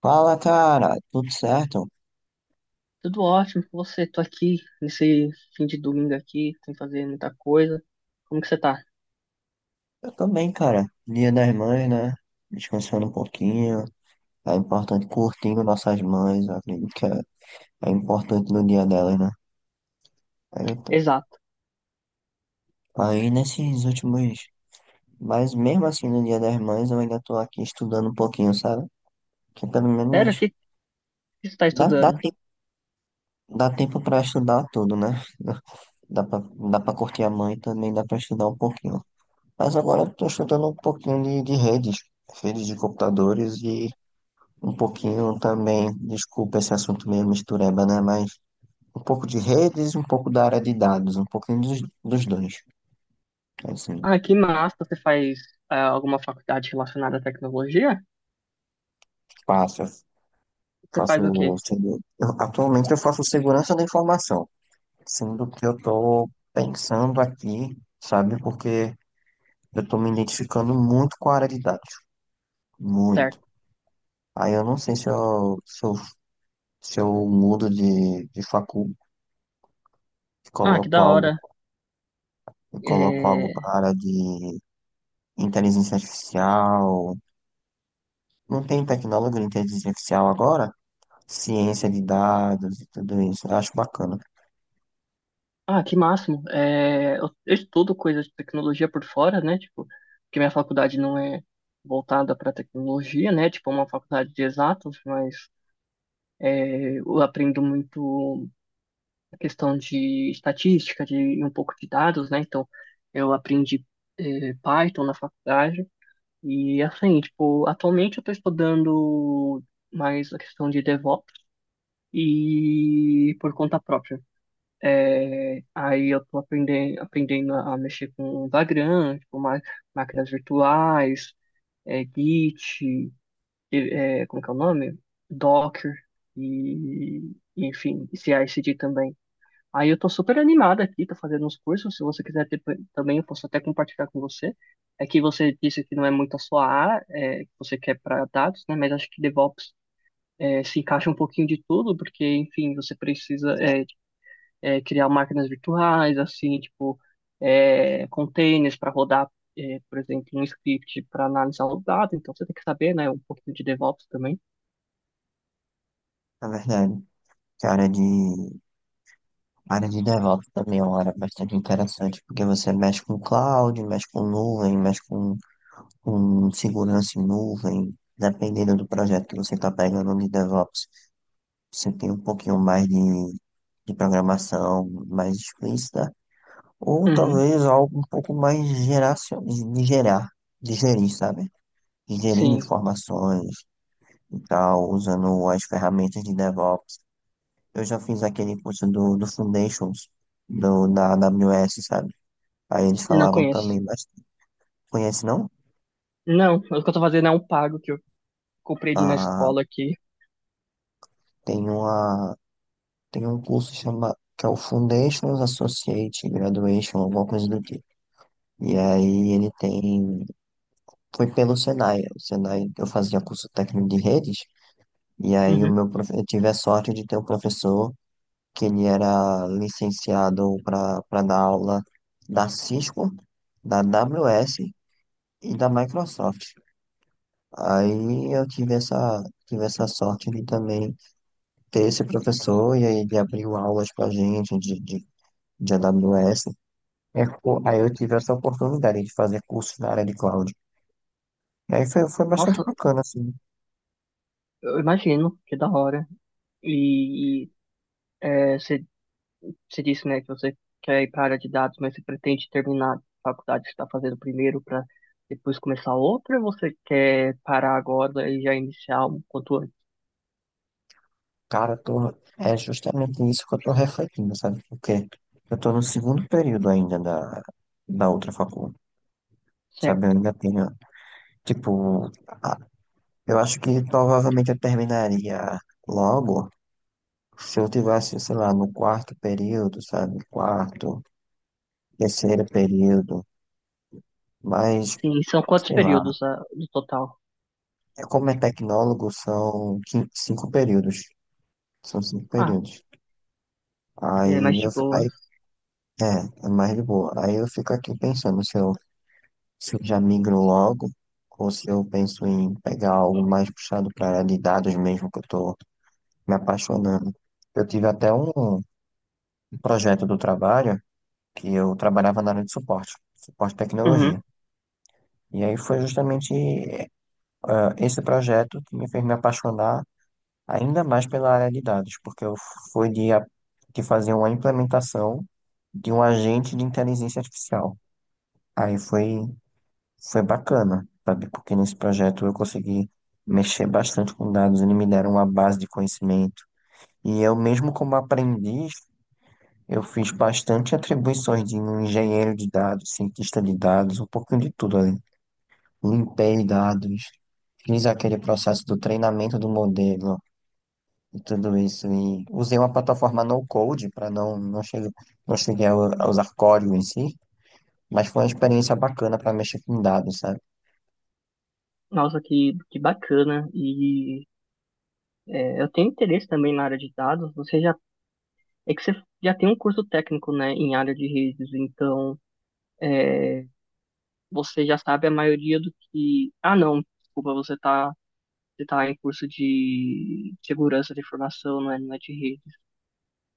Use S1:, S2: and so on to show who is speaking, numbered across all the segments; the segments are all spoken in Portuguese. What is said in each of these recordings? S1: Fala, cara, tudo certo?
S2: Tudo ótimo com você. Tô aqui nesse fim de domingo aqui, sem fazer muita coisa. Como que você tá?
S1: Eu também, cara. Dia das mães, né? Descansando um pouquinho. É importante curtindo nossas mães, eu acredito é importante no dia delas, né? Aí, eu tô-
S2: Exato.
S1: aí nesses últimos. Mas mesmo assim, no dia das mães, eu ainda tô aqui estudando um pouquinho, sabe? Que pelo
S2: Sério, o
S1: menos
S2: que que você tá
S1: dá, dá
S2: estudando?
S1: tempo, dá tempo pra estudar tudo, né? Dá pra, dá pra curtir a mãe e também dá pra estudar um pouquinho. Mas agora eu tô estudando um pouquinho de redes, redes de computadores e. Um pouquinho também, desculpa esse assunto meio mistureba, né? Mas um pouco de redes, um pouco da área de dados, um pouquinho dos dois. Assim,
S2: Ah, que massa. Você faz alguma faculdade relacionada à tecnologia?
S1: faço,
S2: Você faz o
S1: faço,
S2: quê?
S1: atualmente eu faço segurança da informação, sendo que eu estou pensando aqui, sabe? Porque eu estou me identificando muito com a área de dados, muito.
S2: Certo.
S1: Aí eu não sei se eu mudo de facul, e
S2: Ah, que
S1: coloco
S2: da
S1: algo,
S2: hora.
S1: e coloco algo
S2: É...
S1: para a área de inteligência artificial. Não tem tecnólogo de inteligência artificial agora? Ciência de dados e tudo isso. Eu acho bacana,
S2: Ah, que máximo. Eu estudo coisas de tecnologia por fora, né? Tipo, porque minha faculdade não é voltada para tecnologia, né? Tipo, é uma faculdade de exatas, mas eu aprendo muito questão de estatística, de e um pouco de dados, né? Então, eu aprendi Python na faculdade e assim, tipo, atualmente eu estou estudando mais a questão de DevOps e por conta própria. Aí eu estou aprendendo a mexer com Vagrant, tipo, máquinas virtuais, Git, como que é o nome? Docker e, enfim, CI/CD também. Aí eu tô super animado aqui, tô fazendo uns cursos. Se você quiser ter, também, eu posso até compartilhar com você. É que você disse que não é muito a sua área, que você quer para dados, né? Mas acho que DevOps se encaixa um pouquinho de tudo, porque, enfim, você precisa criar máquinas virtuais, assim, tipo, containers para rodar, por exemplo, um script para analisar o dado. Então você tem que saber, né? Um pouquinho de DevOps também.
S1: na verdade. Que a área a área de DevOps também é uma área bastante interessante, porque você mexe com cloud, mexe com nuvem, com segurança em nuvem. Dependendo do projeto que você está pegando de DevOps, você tem um pouquinho mais de programação mais explícita, ou
S2: Uhum,
S1: talvez algo um pouco mais de gerar, de gerir, sabe? De gerir
S2: sim,
S1: informações, e tal, usando as ferramentas de DevOps. Eu já fiz aquele curso do Foundations, do, da AWS, sabe? Aí eles
S2: não
S1: falavam
S2: conheço.
S1: também, mas conhece não?
S2: Não, o que eu tô fazendo é um pago que eu comprei de uma
S1: Ah,
S2: escola aqui.
S1: tem uma, tem um curso chama, que é o Foundations Associate Graduation, alguma coisa do tipo. E aí ele tem, foi pelo Senai, o Senai eu fazia curso técnico de redes, e aí o
S2: Uhum.
S1: eu tive a sorte de ter um professor que ele era licenciado para dar aula da Cisco, da AWS e da Microsoft. Aí eu tive tive essa sorte de também ter esse professor e aí ele abriu aulas para gente de AWS. É, pô, aí eu tive essa oportunidade de fazer curso na área de cloud. E aí foi, foi bastante
S2: Nossa,
S1: bacana, assim.
S2: eu imagino, que da hora. E, e, você disse, né, que você quer ir para a área de dados, mas você pretende terminar a faculdade que você está fazendo primeiro para depois começar outra, ou você quer parar agora e já iniciar um quanto antes?
S1: Cara, eu tô, é justamente isso que eu tô refletindo, sabe? Porque eu tô no segundo período ainda da outra faculdade. Sabe, eu
S2: Certo.
S1: ainda tenho, tipo, a- eu acho que provavelmente eu terminaria logo se eu tivesse, sei lá, no quarto período, sabe? Quarto, terceiro período, mas,
S2: Sim, e são quantos
S1: sei lá,
S2: períodos no total?
S1: é como é tecnólogo, são cinco períodos, são cinco
S2: Ah,
S1: períodos.
S2: é mais de boas.
S1: Aí, é, é mais de boa. Aí eu fico aqui pensando se eu, se eu já migro logo, ou se eu penso em pegar algo mais puxado para área de dados mesmo que eu tô me apaixonando. Eu tive até um projeto do trabalho que eu trabalhava na área de suporte, suporte de tecnologia.
S2: Uhum.
S1: E aí foi justamente ah, esse projeto que me fez me apaixonar ainda mais pela área de dados, porque eu fui de, a- de fazer uma implementação de um agente de inteligência artificial. Aí foi, foi bacana, sabe? Porque nesse projeto eu consegui mexer bastante com dados, eles me deram uma base de conhecimento. E eu mesmo como aprendiz, eu fiz bastante atribuições de um engenheiro de dados, cientista de dados, um pouquinho de tudo ali. Limpei dados, fiz aquele processo do treinamento do modelo e tudo isso. E usei uma plataforma no-code para não, não chegar, não cheguei a a usar código em si, mas foi uma experiência bacana para mexer com dados, sabe?
S2: Nossa, que bacana. Eu tenho interesse também na área de dados. Você já tem um curso técnico, né, em área de redes, então. é, você já sabe a maioria do que. Ah, não, desculpa, você tá em curso de segurança de informação, não é, não é de rede.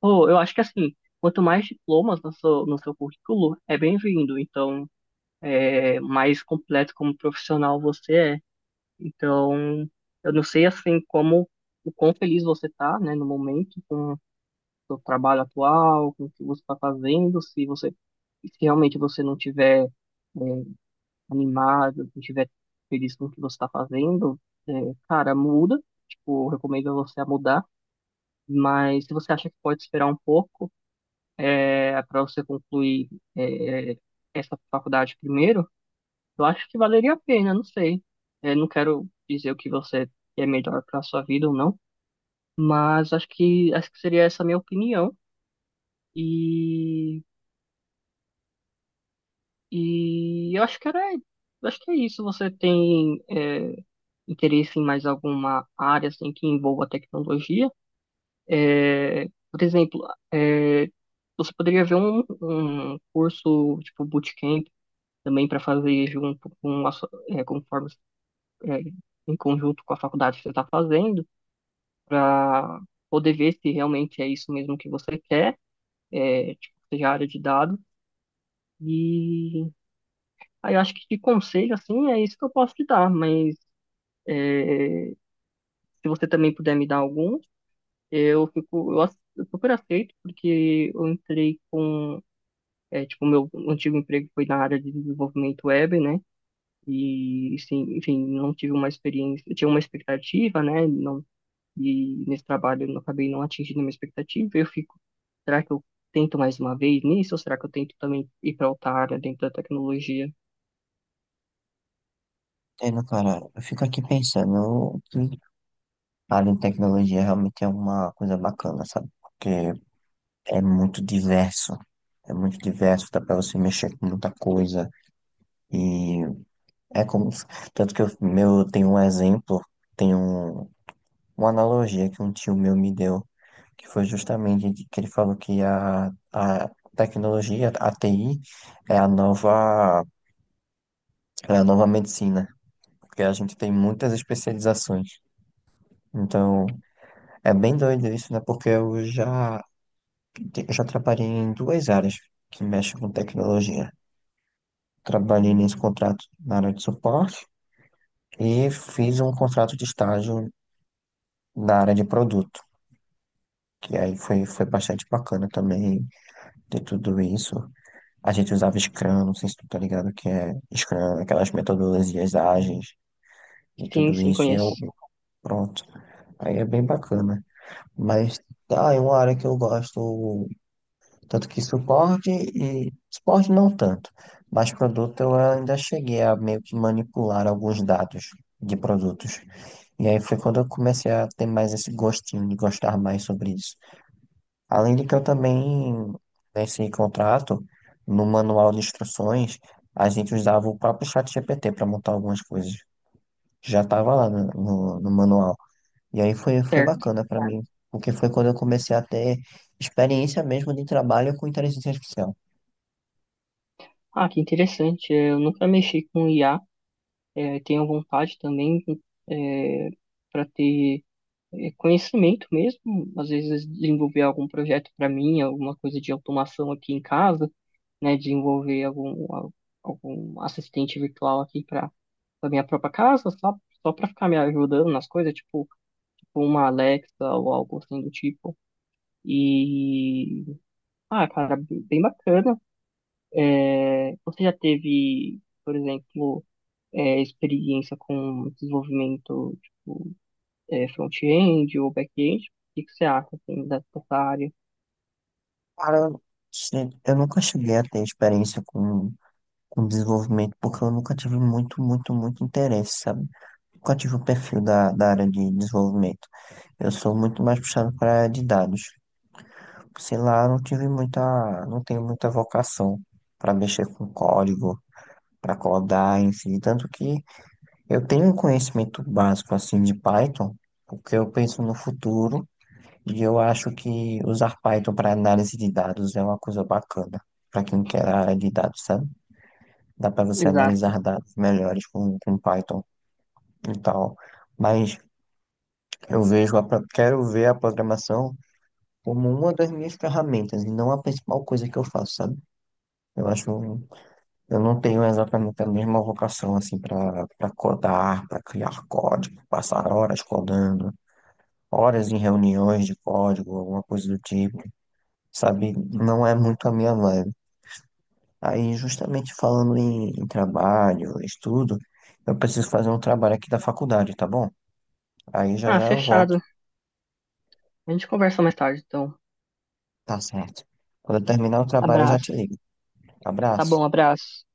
S2: Pô, eu acho que assim, quanto mais diplomas no seu currículo, é bem-vindo. Então, mais completo como profissional você é. Então, eu não sei assim como. O quão feliz você tá, né, no momento, com o seu trabalho atual, com o que você tá fazendo, se realmente você não tiver é, animado, se estiver feliz com o que você está fazendo, é, cara, muda. Tipo, eu recomendo você a mudar. Mas se você acha que pode esperar um pouco, para você concluir, é, essa faculdade primeiro, eu acho que valeria a pena, não sei. É, não quero dizer o que você melhor para sua vida ou não, mas acho que seria essa a minha opinião. E, e eu acho que era, eu acho que é isso. Você tem interesse em mais alguma área assim, que envolva tecnologia. É, por exemplo, é, você poderia ver um curso tipo bootcamp também para fazer junto com a, conforme, é, em conjunto com a faculdade que você está fazendo, para poder ver se realmente é isso mesmo que você quer, tipo, seja a área de dados. E aí eu acho que de conselho, assim, é isso que eu posso te dar, mas é, se você também puder me dar alguns, eu fico, eu super aceito, porque eu entrei com, tipo, meu antigo emprego foi na área de desenvolvimento web, né? E, sim, enfim, não tive uma experiência, eu tinha uma expectativa, né? Não, e nesse trabalho eu não- acabei não atingindo a minha expectativa. Eu fico, será que eu tento mais uma vez nisso? Ou será que eu tento também ir para outra área dentro da tecnologia?
S1: Entendo, cara, eu fico aqui pensando que a área de tecnologia realmente é uma coisa bacana, sabe? Porque é muito diverso. É muito diverso, dá pra você mexer com muita coisa. E é como. Tanto que eu meu, tem um exemplo, tem um, uma analogia que um tio meu me deu, que foi justamente de que ele falou a tecnologia, a TI, é a nova, é a nova medicina, porque a gente tem muitas especializações. Então, é bem doido isso, né? Porque eu já trabalhei em duas áreas que mexem com tecnologia. Trabalhei nesse contrato na área de suporte e fiz um contrato de estágio na área de produto, que aí foi, foi bastante bacana também ter tudo isso. A gente usava Scrum, não sei se tu tá ligado que é Scrum, aquelas metodologias ágeis e
S2: Sim,
S1: tudo
S2: sim,
S1: isso, e eu,
S2: conheço.
S1: pronto. Aí é bem bacana. Mas tá, é uma área que eu gosto, tanto que suporte e suporte não tanto, mas produto eu ainda cheguei a meio que manipular alguns dados de produtos. E aí foi quando eu comecei a ter mais esse gostinho de gostar mais sobre isso. Além de que eu também, nesse contrato, no manual de instruções, a gente usava o próprio chat GPT para montar algumas coisas. Já estava lá no manual. E aí foi, foi
S2: Certo.
S1: bacana para mim, porque foi quando eu comecei a ter experiência mesmo de trabalho com inteligência artificial.
S2: Ah, que interessante. Eu nunca mexi com IA. Tenho vontade também, é, para ter conhecimento mesmo, às vezes desenvolver algum projeto para mim, alguma coisa de automação aqui em casa, né, desenvolver algum assistente virtual aqui para a minha própria casa, só, só para ficar me ajudando nas coisas, tipo, tipo uma Alexa ou algo assim do tipo. E, ah, cara, bem bem bacana. É, você já teve, por exemplo, experiência com desenvolvimento tipo, front-end ou back-end? O que que você acha, assim, dessa área?
S1: Cara, se- eu nunca cheguei a ter experiência com desenvolvimento, porque eu nunca tive muito, muito, muito interesse, sabe? Nunca tive o perfil da área de desenvolvimento. Eu sou muito mais puxado para a área de dados. Sei lá, não tive muita, não tenho muita vocação para mexer com código, para codar, enfim, tanto que eu tenho um conhecimento básico assim de Python, porque eu penso no futuro e eu acho que usar Python para análise de dados é uma coisa bacana. Para quem quer a área de dados, sabe? Dá para você
S2: Exato.
S1: analisar dados melhores com Python e tal. Mas eu vejo a, quero ver a programação como uma das minhas ferramentas e não a principal coisa que eu faço, sabe? Eu acho um eu não tenho exatamente a mesma vocação assim para codar, para criar código, passar horas codando, horas em reuniões de código, alguma coisa do tipo, sabe? Não é muito a minha vibe. Aí, justamente falando em trabalho, estudo, eu preciso fazer um trabalho aqui da faculdade, tá bom? Aí já
S2: Ah,
S1: já eu volto,
S2: fechado. A gente conversa mais tarde, então.
S1: tá certo. Quando eu terminar o trabalho, eu já
S2: Abraço.
S1: te ligo.
S2: Tá
S1: Abraço.
S2: bom, abraço.